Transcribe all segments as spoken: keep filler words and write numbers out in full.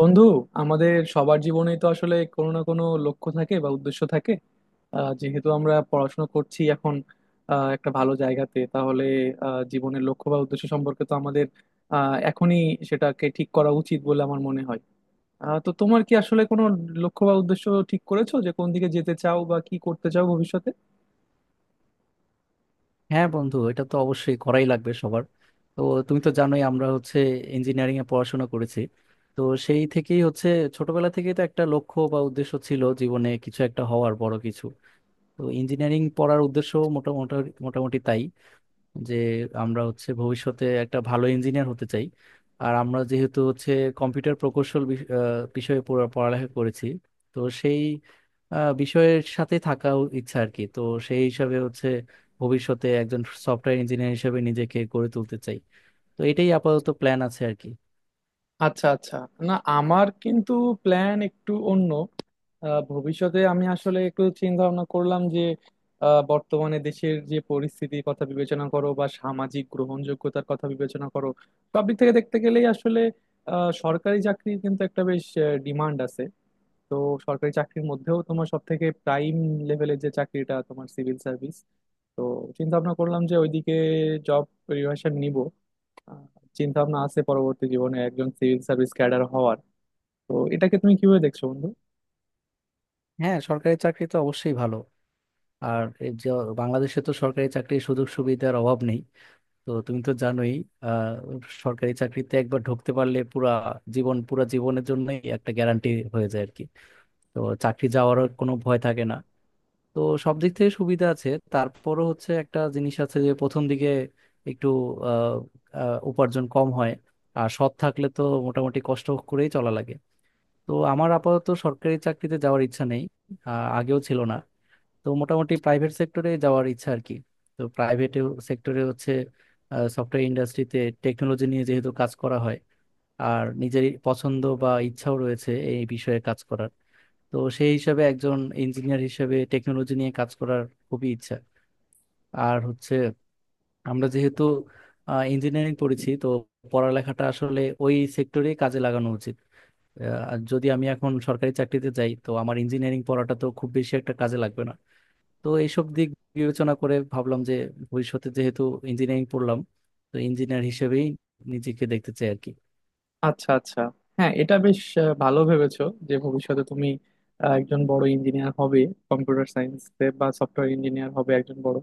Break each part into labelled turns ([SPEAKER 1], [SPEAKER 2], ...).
[SPEAKER 1] বন্ধু, আমাদের সবার জীবনেই তো আসলে কোনো না কোনো লক্ষ্য থাকে বা উদ্দেশ্য থাকে। আহ, যেহেতু আমরা পড়াশোনা করছি এখন, আহ, একটা ভালো জায়গাতে তাহলে আহ, জীবনের লক্ষ্য বা উদ্দেশ্য সম্পর্কে তো আমাদের আহ, এখনই সেটাকে ঠিক করা উচিত বলে আমার মনে হয়। আহ, তো তোমার কি আসলে কোনো লক্ষ্য বা উদ্দেশ্য ঠিক করেছো, যে কোন দিকে যেতে চাও বা কি করতে চাও ভবিষ্যতে?
[SPEAKER 2] হ্যাঁ বন্ধু, এটা তো অবশ্যই করাই লাগবে সবার। তো তুমি তো জানোই, আমরা হচ্ছে ইঞ্জিনিয়ারিং এ পড়াশোনা করেছি। তো সেই থেকেই হচ্ছে ছোটবেলা থেকেই তো একটা লক্ষ্য বা উদ্দেশ্য ছিল জীবনে, কিছু একটা হওয়ার, বড় কিছু। তো ইঞ্জিনিয়ারিং পড়ার উদ্দেশ্য মোটামুটি মোটামুটি তাই, যে আমরা হচ্ছে ভবিষ্যতে একটা ভালো ইঞ্জিনিয়ার হতে চাই। আর আমরা যেহেতু হচ্ছে কম্পিউটার প্রকৌশল বিষ- আহ, বিষয়ে পুরো পড়ালেখা করেছি। তো সেই আহ, বিষয়ের সাথে থাকা ইচ্ছা আর কি। তো সেই হিসাবে হচ্ছে ভবিষ্যতে একজন সফটওয়্যার ইঞ্জিনিয়ার হিসেবে নিজেকে গড়ে তুলতে চাই। তো এটাই আপাতত প্ল্যান আছে আর কি।
[SPEAKER 1] আচ্ছা আচ্ছা। না, আমার কিন্তু প্ল্যান একটু অন্য। আহ, ভবিষ্যতে আমি আসলে একটু চিন্তা ভাবনা করলাম যে আহ, বর্তমানে দেশের যে পরিস্থিতির কথা বিবেচনা করো বা সামাজিক গ্রহণযোগ্যতার কথা বিবেচনা করো, সব দিক থেকে দেখতে গেলেই আসলে আহ, সরকারি চাকরির কিন্তু একটা বেশ ডিমান্ড আছে। তো সরকারি চাকরির মধ্যেও তোমার সব থেকে প্রাইম লেভেলের যে চাকরিটা, তোমার সিভিল সার্ভিস। তো চিন্তা ভাবনা করলাম যে ওইদিকে জব প্রিপারেশন নিব। চিন্তা ভাবনা আছে পরবর্তী জীবনে একজন সিভিল সার্ভিস ক্যাডার হওয়ার। তো এটাকে তুমি কিভাবে দেখছো বন্ধু?
[SPEAKER 2] হ্যাঁ, সরকারি চাকরি তো অবশ্যই ভালো। আর এই যে বাংলাদেশে তো সরকারি চাকরির সুযোগ সুবিধার অভাব নেই। তো তুমি তো জানোই, আহ সরকারি চাকরিতে একবার ঢুকতে পারলে পুরা জীবন পুরা জীবনের জন্যই একটা গ্যারান্টি হয়ে যায় আর কি। তো চাকরি যাওয়ার কোনো ভয় থাকে না। তো সব দিক থেকে সুবিধা আছে, তারপরও হচ্ছে একটা জিনিস আছে যে প্রথম দিকে একটু আহ আহ, উপার্জন কম হয়। আর সৎ থাকলে তো মোটামুটি কষ্ট করেই চলা লাগে। তো আমার আপাতত সরকারি চাকরিতে যাওয়ার ইচ্ছা নেই, আহ, আগেও ছিল না। তো মোটামুটি প্রাইভেট সেক্টরে যাওয়ার ইচ্ছা আর কি। তো প্রাইভেট সেক্টরে হচ্ছে সফটওয়্যার ইন্ডাস্ট্রিতে টেকনোলজি নিয়ে যেহেতু কাজ করা হয়, আর নিজের পছন্দ বা ইচ্ছাও রয়েছে এই বিষয়ে কাজ করার। তো সেই হিসাবে একজন ইঞ্জিনিয়ার হিসেবে টেকনোলজি নিয়ে কাজ করার খুবই ইচ্ছা। আর হচ্ছে আমরা যেহেতু ইঞ্জিনিয়ারিং পড়েছি তো পড়ালেখাটা আসলে ওই সেক্টরেই কাজে লাগানো উচিত। আহ, আর যদি আমি এখন সরকারি চাকরিতে যাই তো আমার ইঞ্জিনিয়ারিং পড়াটা তো খুব বেশি একটা কাজে লাগবে না। তো এইসব দিক বিবেচনা করে ভাবলাম যে ভবিষ্যতে যেহেতু ইঞ্জিনিয়ারিং পড়লাম তো ইঞ্জিনিয়ার হিসেবেই নিজেকে দেখতে চাই আর কি।
[SPEAKER 1] আচ্ছা আচ্ছা। হ্যাঁ, এটা বেশ আহ, ভালো ভেবেছো, যে ভবিষ্যতে তুমি আহ, একজন বড় ইঞ্জিনিয়ার হবে, কম্পিউটার সায়েন্স বা সফটওয়্যার ইঞ্জিনিয়ার হবে একজন বড়।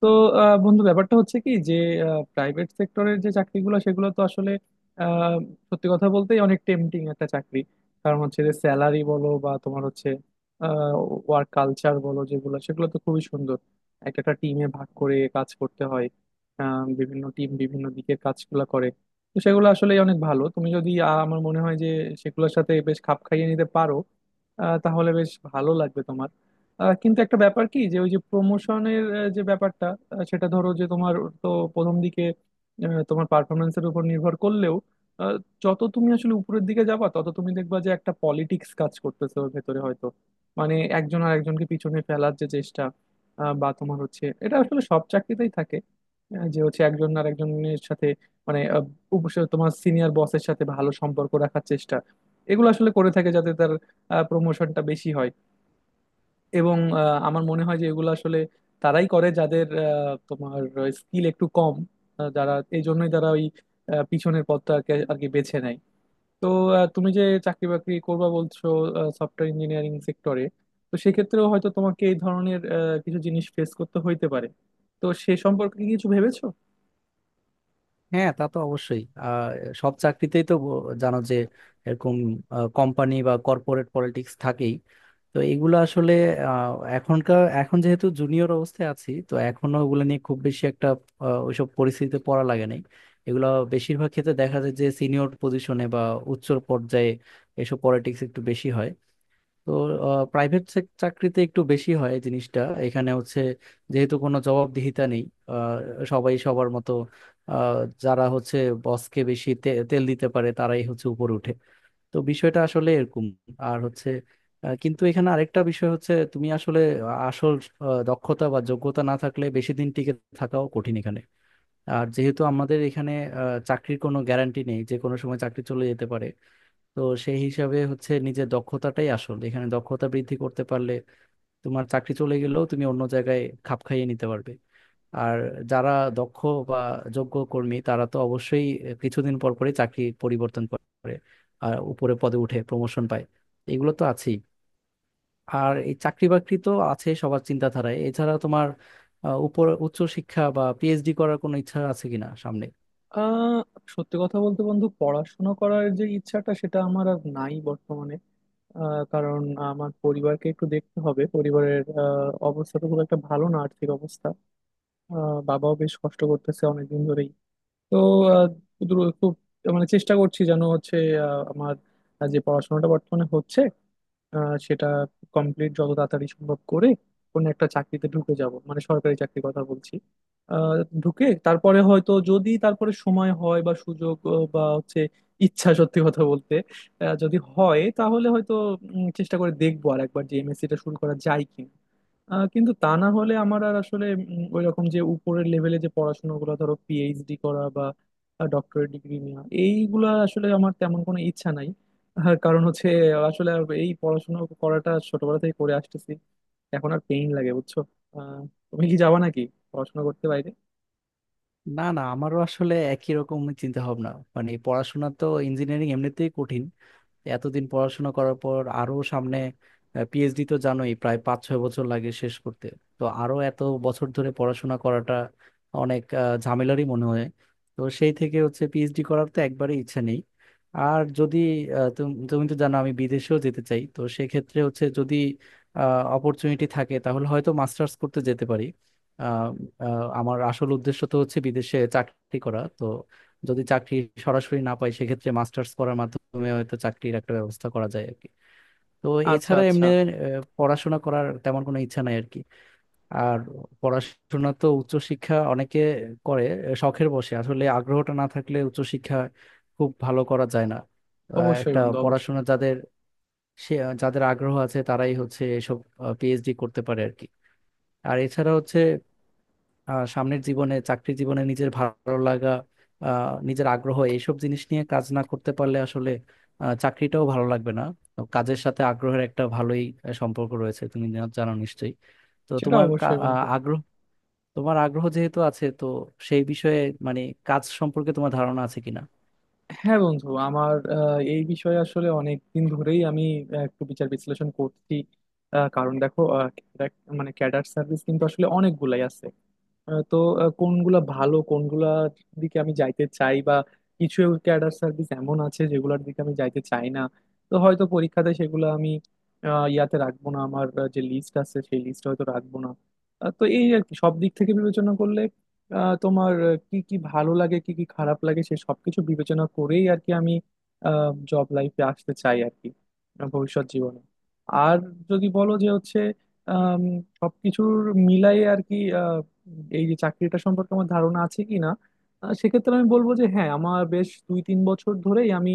[SPEAKER 1] তো আহ, বন্ধু, ব্যাপারটা হচ্ছে কি, যে প্রাইভেট সেক্টরের যে চাকরিগুলো সেগুলো তো আসলে আহ, সত্যি কথা বলতে অনেক টেম্পটিং একটা চাকরি। কারণ হচ্ছে যে স্যালারি বলো বা তোমার হচ্ছে ওয়ার্ক কালচার বলো, যেগুলো সেগুলো তো খুবই সুন্দর। এক একটা টিমে ভাগ করে কাজ করতে হয়। আহ, বিভিন্ন টিম বিভিন্ন দিকে কাজগুলো করে। তো সেগুলো আসলে অনেক ভালো। তুমি যদি আহ, আমার মনে হয় যে সেগুলোর সাথে বেশ খাপ খাইয়ে নিতে পারো, আহ, তাহলে বেশ ভালো লাগবে তোমার। আহ, কিন্তু একটা ব্যাপার কি, যে ওই যে প্রমোশনের যে ব্যাপারটা, আহ, সেটা ধরো যে তোমার, তো প্রথম দিকে আহ, তোমার পারফরমেন্সের উপর নির্ভর করলেও, আহ, যত তুমি আসলে উপরের দিকে যাবা তত তুমি দেখবা যে একটা পলিটিক্স কাজ করতেছে ওর ভেতরে হয়তো। মানে একজন আর একজনকে পিছনে ফেলার যে চেষ্টা, আহ, বা তোমার হচ্ছে এটা আসলে সব চাকরিতেই থাকে। আহ, যে হচ্ছে একজন আর একজনের সাথে, মানে আহ, উপস- তোমার সিনিয়র বসের সাথে ভালো সম্পর্ক রাখার চেষ্টা এগুলো আসলে করে থাকে, যাতে তার প্রমোশনটা বেশি হয়। এবং আহ, আমার মনে হয় যে এগুলো আসলে তারাই করে যাদের আহ, তোমার স্কিল একটু কম। আহ, যারা এই জন্যই তারা ওই আহ, পিছনের পথটাকে আর কি বেছে নেয়। তো আহ, তুমি যে চাকরি বাকরি করবা বলছো সফটওয়্যার ইঞ্জিনিয়ারিং সেক্টরে, তো সেক্ষেত্রেও হয়তো তোমাকে এই ধরনের আহ, কিছু জিনিস ফেস করতে হইতে পারে। তো সে সম্পর্কে কি কিছু ভেবেছো?
[SPEAKER 2] হ্যাঁ, তা তো অবশ্যই। আহ সব চাকরিতেই তো ব- জানো যে এরকম কোম্পানি বা কর্পোরেট পলিটিক্স থাকেই। তো এগুলো আসলে আহ, এখনকার এখন যেহেতু জুনিয়র অবস্থায় আছি তো এখনো ওগুলো নিয়ে খুব বেশি একটা আহ, ওইসব পরিস্থিতিতে পড়া লাগে নাই। এগুলো বেশিরভাগ ক্ষেত্রে দেখা যায় যে সিনিয়র পজিশনে বা উচ্চ পর্যায়ে এসব পলিটিক্স একটু বেশি হয়। তো প্রাইভেট চাকরিতে একটু বেশি হয় এই জিনিসটা। এখানে হচ্ছে যেহেতু কোনো জবাবদিহিতা নেই, আহ, সবাই সবার মতো। আহ, যারা হচ্ছে বসকে বেশি তে- তেল দিতে পারে তারাই হচ্ছে উপরে ওঠে। তো বিষয়টা আসলে এরকম। আর হচ্ছে আহ, কিন্তু এখানে আরেকটা বিষয় হচ্ছে তুমি আসলে আসল আহ, দক্ষতা বা যোগ্যতা না থাকলে বেশি দিন টিকে থাকাও কঠিন এখানে। আর যেহেতু আমাদের এখানে আহ, চাকরির কোনো গ্যারান্টি নেই, যে কোনো সময় চাকরি চলে যেতে পারে। তো সেই হিসাবে হচ্ছে নিজের দক্ষতাটাই আসল, এখানে দক্ষতা বৃদ্ধি করতে পারলে তোমার চাকরি চলে গেলেও তুমি অন্য জায়গায় খাপ খাইয়ে নিতে পারবে। আর যারা দক্ষ বা যোগ্য কর্মী তারা তো অবশ্যই কিছুদিন পর পরে চাকরি পরিবর্তন করে আর উপরে পদে উঠে প্রমোশন পায়, এগুলো তো আছেই। আর এই চাকরি বাকরি তো আছে সবার চিন্তাধারায়। এছাড়া তোমার আহ, উপর উচ্চ শিক্ষা বা পিএইচডি করার কোনো ইচ্ছা আছে কিনা সামনে?
[SPEAKER 1] আহ সত্যি কথা বলতে বন্ধু, পড়াশোনা করার যে ইচ্ছাটা সেটা আমার আর নাই বর্তমানে। আহ, কারণ আমার পরিবারকে একটু দেখতে হবে। পরিবারের আহ, অবস্থা তো খুব একটা ভালো না, আর্থিক অবস্থা। আহ, বাবাও বেশ কষ্ট করতেছে অনেকদিন ধরেই। তো আহ, দ্রু- খুব মানে চেষ্টা করছি যেন হচ্ছে আহ, আমার যে পড়াশোনাটা বর্তমানে হচ্ছে আহ, সেটা কমপ্লিট যত তাড়াতাড়ি সম্ভব করে কোনো একটা চাকরিতে ঢুকে যাব, মানে সরকারি চাকরির কথা বলছি। আহ, ঢুকে তারপরে হয়তো যদি তারপরে সময় হয় বা সুযোগ আহ, বা হচ্ছে ইচ্ছা, সত্যি কথা বলতে, আহ, যদি হয় তাহলে হয়তো উম, চেষ্টা করে দেখবো আর একবার যে এমএসসিটা শুরু করা যায় কিনা। আহ, কিন্তু তা না হলে আমার আর আসলে ওই রকম যে উপরের লেভেলে যে পড়াশোনাগুলো, ধরো পিএইচডি করা বা ডক্টরেট ডিগ্রি নেওয়া, এইগুলা আসলে আমার তেমন কোনো ইচ্ছা নাই। আহ, কারণ হচ্ছে আসলে আর এই পড়াশোনা করাটা ছোটবেলা থেকে করে আসতেছি, এখন আর পেইন লাগে, বুঝছো? আহ, তুমি কি যাবা নাকি পড়াশোনা করতে বাইরে?
[SPEAKER 2] না না, আমারও আসলে একই রকম চিন্তা ভাবনা। মানে পড়াশোনা তো ইঞ্জিনিয়ারিং এমনিতেই কঠিন, এতদিন পড়াশোনা করার পর আরো সামনে পিএইচডি তো জানোই প্রায় পাঁচ ছয় বছর লাগে শেষ করতে। তো আরো এত বছর ধরে পড়াশোনা করাটা অনেক আহ, ঝামেলারই মনে হয়। তো সেই থেকে হচ্ছে পিএইচডি করার তো একবারই ইচ্ছা নেই। আর যদি আহ, তুম- তুমি তো জানো আমি বিদেশেও যেতে চাই। তো সেক্ষেত্রে হচ্ছে যদি অপরচুনিটি থাকে তাহলে হয়তো মাস্টার্স করতে যেতে পারি। আহ, আহ, আমার আসল উদ্দেশ্য তো হচ্ছে বিদেশে চাকরি করা। তো যদি চাকরি সরাসরি না পাই সেক্ষেত্রে মাস্টার্স করার মাধ্যমে হয়তো চাকরির একটা ব্যবস্থা করা যায় আর কি। তো
[SPEAKER 1] আচ্ছা
[SPEAKER 2] এছাড়া
[SPEAKER 1] আচ্ছা।
[SPEAKER 2] এমনি আহ, পড়াশোনা করার তেমন কোনো ইচ্ছা নাই আর কি। আর পড়াশোনা তো উচ্চশিক্ষা অনেকে করে আহ, শখের বসে, আসলে আগ্রহটা না থাকলে উচ্চশিক্ষা খুব ভালো করা যায় না। আহ,
[SPEAKER 1] অবশ্যই
[SPEAKER 2] একটা
[SPEAKER 1] বন্ধু, অবশ্যই।
[SPEAKER 2] পড়াশোনা যাদের, সে যাদের আগ্রহ আছে তারাই হচ্ছে এসব পিএইচডি করতে পারে আর কি। আর এছাড়া হচ্ছে আহ, সামনের জীবনে চাকরি জীবনে নিজের ভালো লাগা, আহ, নিজের আগ্রহ এইসব জিনিস নিয়ে কাজ না করতে পারলে আসলে আহ, চাকরিটাও ভালো লাগবে না। তো কাজের সাথে আগ্রহের একটা ভালোই আহ, সম্পর্ক রয়েছে, তুমি জা- জানো নিশ্চয়ই। তো
[SPEAKER 1] সেটা
[SPEAKER 2] তোমার
[SPEAKER 1] অবশ্যই
[SPEAKER 2] কা- আহ,
[SPEAKER 1] বন্ধু।
[SPEAKER 2] আগ্রহ, তোমার আগ্রহ যেহেতু আছে, তো সেই বিষয়ে মানে কাজ সম্পর্কে তোমার ধারণা আছে কিনা?
[SPEAKER 1] হ্যাঁ বন্ধু, আমার আহ, এই বিষয়ে আসলে অনেক দিন ধরেই আমি আহ, একটু বিচার বিশ্লেষণ করছি। আহ, কারণ দেখো আহ, দেখ- মানে ক্যাডার সার্ভিস কিন্তু আসলে অনেকগুলাই আছে। আহ, তো আহ, কোনগুলা ভালো, কোনগুলা দিকে আমি যাইতে চাই, বা কিছু ক্যাডার সার্ভিস এমন আছে যেগুলোর দিকে আমি যাইতে চাই না। তো হয়তো পরীক্ষাতে সেগুলো আমি আহ, ইয়াতে রাখবো না, আমার আহ, যে লিস্ট আছে সেই লিস্ট হয়তো রাখবো না। আহ, তো এই আর কি, সব দিক থেকে বিবেচনা করলে আহ, তোমার আহ, কি কি ভালো লাগে কি কি খারাপ লাগে সে সবকিছু বিবেচনা করেই আর কি আমি জব লাইফে আসতে চাই আর কি, আহ, ভবিষ্যৎ জীবনে। আর যদি বলো যে হচ্ছে আম, সবকিছুর মিলাই আর কি, এই যে চাকরিটা সম্পর্কে আমার ধারণা আছে কি না, আহ, সেক্ষেত্রে আমি বলবো যে হ্যাঁ, আমার বেশ দুই তিন বছর ধরেই আমি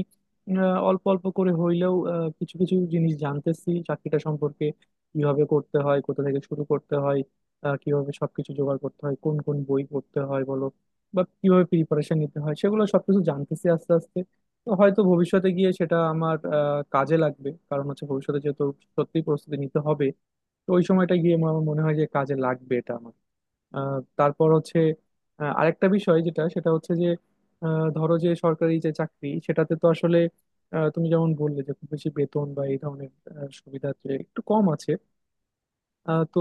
[SPEAKER 1] আহ, অল্প অল্প করে হইলেও আহ, কিছু কিছু জিনিস জানতেছি চাকরিটা সম্পর্কে, কিভাবে করতে হয়, কোথা থেকে শুরু করতে হয়, আহ, কিভাবে সবকিছু জোগাড় করতে হয়, কোন কোন বই পড়তে হয় বলো, বা কিভাবে প্রিপারেশন নিতে হয়, সেগুলো সবকিছু জানতেছি আস্তে আস্তে। তো হয়তো ভবিষ্যতে গিয়ে সেটা আমার আহ, কাজে লাগবে। কারণ হচ্ছে ভবিষ্যতে যেহেতু সত্যি প্রস্তুতি নিতে হবে, তো ওই সময়টা গিয়ে আমার মনে হয় যে কাজে লাগবে এটা আমার। আহ, তারপর হচ্ছে আহ, আরেকটা বিষয় যেটা সেটা হচ্ছে যে আহ, ধরো যে সরকারি যে চাকরি সেটাতে তো আসলে আহ, তুমি যেমন বললে যে খুব বেশি বেতন বা এই ধরনের আহ, সুবিধা যে একটু কম আছে। আহ, তো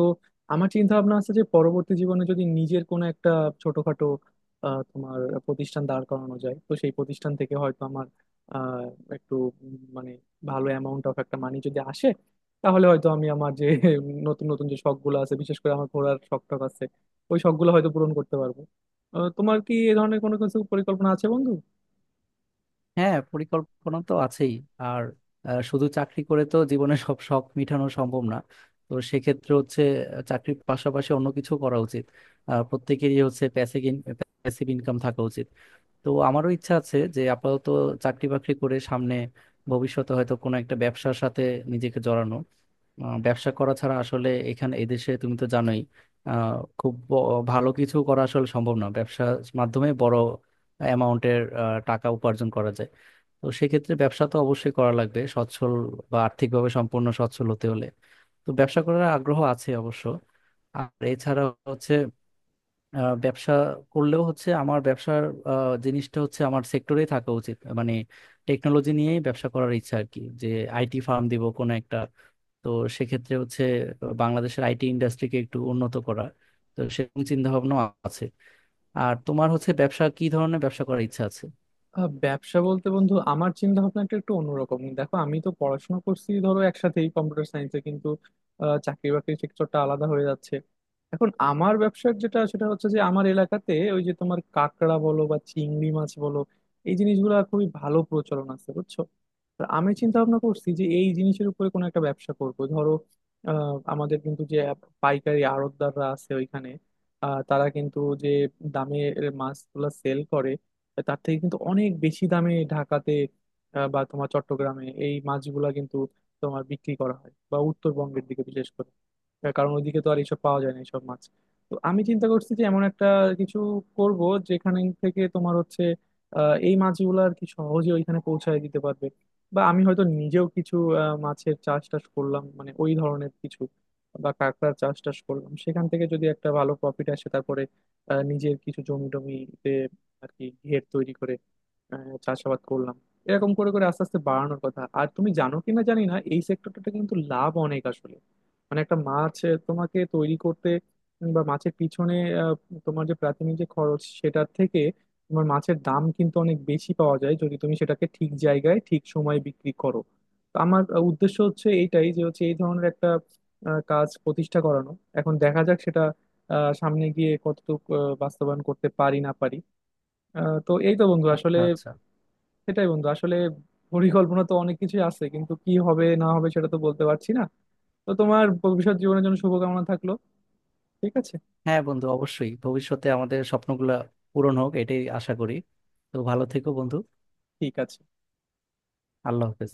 [SPEAKER 1] আমার চিন্তা ভাবনা আছে যে পরবর্তী জীবনে যদি নিজের কোনো একটা ছোটখাটো আহ, তোমার প্রতিষ্ঠান দাঁড় করানো যায়, তো সেই প্রতিষ্ঠান থেকে হয়তো আমার আহ, একটু উম, মানে ভালো অ্যামাউন্ট অফ একটা মানি যদি আসে, তাহলে হয়তো আমি আমার যে নতুন নতুন যে শখগুলো আছে, বিশেষ করে আমার ঘোরার শখ টখ আছে, ওই শখগুলো হয়তো পূরণ করতে পারবো। আহ, তোমার কি এ ধরনের কোনো কিছু পরিকল্পনা আছে বন্ধু?
[SPEAKER 2] হ্যাঁ, পরিকল্পনা তো আছেই। আর আহ, শুধু চাকরি করে তো জীবনে সব শখ মিটানো সম্ভব না। তো সেক্ষেত্রে হচ্ছে আহ, চাকরির পাশাপাশি অন্য কিছু করা উচিত। আহ, প্রত্যেকেরই হচ্ছে প্যাসিভ প্যাসিভ ইনকাম থাকা উচিত। তো আমারও ইচ্ছা আছে যে আপাতত চাকরি বাকরি করে সামনে ভবিষ্যতে হয়তো কোনো একটা ব্যবসার সাথে নিজেকে জড়ানো। আহ, ব্যবসা করা ছাড়া আসলে এখানে এদেশে তুমি তো জানোই আহ, খুব ব- ভালো কিছু করা আসলে সম্ভব না। ব্যবসার মাধ্যমে বড় অ্যামাউন্টের টাকা উপার্জন করা যায়। তো সেক্ষেত্রে ব্যবসা তো অবশ্যই করা লাগবে, সচ্ছল বা আর্থিকভাবে সম্পূর্ণ সচ্ছল হতে হলে। তো ব্যবসা করার আগ্রহ আছে অবশ্য। আর এছাড়া হচ্ছে আহ, ব্যবসা করলেও হচ্ছে আমার ব্যবসার আহ, জিনিসটা হচ্ছে আমার সেক্টরেই থাকা উচিত, মানে টেকনোলজি নিয়েই ব্যবসা করার ইচ্ছা আর কি, যে আইটি ফার্ম দিব কোনো একটা। তো সেক্ষেত্রে হচ্ছে বাংলাদেশের আইটি ইন্ডাস্ট্রিকে একটু উন্নত করা, তো সেরকম চিন্তা ভাবনা আছে। আর তোমার হচ্ছে ব্যবসা, কি ধরনের ব্যবসা করার ইচ্ছা আছে?
[SPEAKER 1] আহ, ব্যবসা বলতে বন্ধু, আমার চিন্তা ভাবনাটা একটু অন্যরকম। দেখো আমি তো পড়াশোনা করছি ধরো একসাথেই কম্পিউটার সায়েন্সে, কিন্তু আহ, চাকরি বাকরির সেক্টরটা আলাদা হয়ে যাচ্ছে। এখন আমার ব্যবসার যেটা সেটা হচ্ছে যে আমার এলাকাতে ওই যে তোমার কাঁকড়া বলো বা চিংড়ি মাছ বলো, এই জিনিসগুলো খুবই ভালো প্রচলন আছে, বুঝছো? আর আমি চিন্তা ভাবনা করছি যে এই জিনিসের উপরে কোনো একটা ব্যবসা করব। ধরো আহ, আমাদের কিন্তু যে পাইকারি আড়তদাররা আছে ওইখানে, আহ, তারা কিন্তু যে দামে মাছগুলা সেল করে, তার থেকে কিন্তু অনেক বেশি দামে ঢাকাতে আহ, বা তোমার চট্টগ্রামে এই মাছগুলা কিন্তু তোমার বিক্রি করা হয়, বা উত্তরবঙ্গের দিকে বিশেষ করে, আহ, কারণ ওইদিকে তো আর এইসব পাওয়া যায় না এইসব মাছ। তো আমি চিন্তা করছি যে এমন একটা কিছু করব, যেখানে থেকে তোমার হচ্ছে আহ, এই মাছগুলো আর কি সহজে ওইখানে পৌঁছায় দিতে পারবে। বা আমি হয়তো নিজেও কিছু আহ, মাছের চাষ টাস করলাম মানে ওই ধরনের কিছু, বা কাঁকড়ার চাষ টাস করলাম, সেখান থেকে যদি একটা ভালো প্রফিট আসে, তারপরে আহ, নিজের কিছু জমি টমিতে আর কি ঘের তৈরি করে আহ, চাষাবাদ করলাম, এরকম করে করে আস্তে আস্তে বাড়ানোর কথা। আর তুমি জানো কিনা জানি না, এই সেক্টরটাতে কিন্তু লাভ অনেক আসলে। মানে একটা মাছ আহ, তোমাকে তৈরি করতে উম, বা মাছের পিছনে আহ, তোমার যে প্রাথমিক যে খরচ সেটার থেকে তোমার মাছের দাম কিন্তু অনেক বেশি পাওয়া যায়, যদি তুমি সেটাকে ঠিক জায়গায় ঠিক সময়ে বিক্রি করো। তো আমার আহ, উদ্দেশ্য হচ্ছে এইটাই, যে হচ্ছে এই ধরনের একটা আহ, কাজ প্রতিষ্ঠা করানো। এখন দেখা যাক সেটা আহ, সামনে গিয়ে কতটুকু আহ, বাস্তবায়ন করতে পারি না পারি। আহ, তো এই তো বন্ধু, আসলে
[SPEAKER 2] আচ্ছা আচ্ছা।
[SPEAKER 1] সেটাই বন্ধু আসলে। পরিকল্পনা তো অনেক কিছুই আছে, কিন্তু কি হবে না হবে সেটা তো বলতে পারছি না। তো তোমার ভবিষ্যৎ জীবনের জন্য শুভকামনা থাকলো। ঠিক আছে।
[SPEAKER 2] হ্যাঁ বন্ধু, অবশ্যই ভবিষ্যতে আমাদের স্বপ্নগুলা পূরণ হোক এটাই আশা করি। তো ভালো থেকো বন্ধু।
[SPEAKER 1] ঠিক আছে।
[SPEAKER 2] আল্লাহ হাফেজ।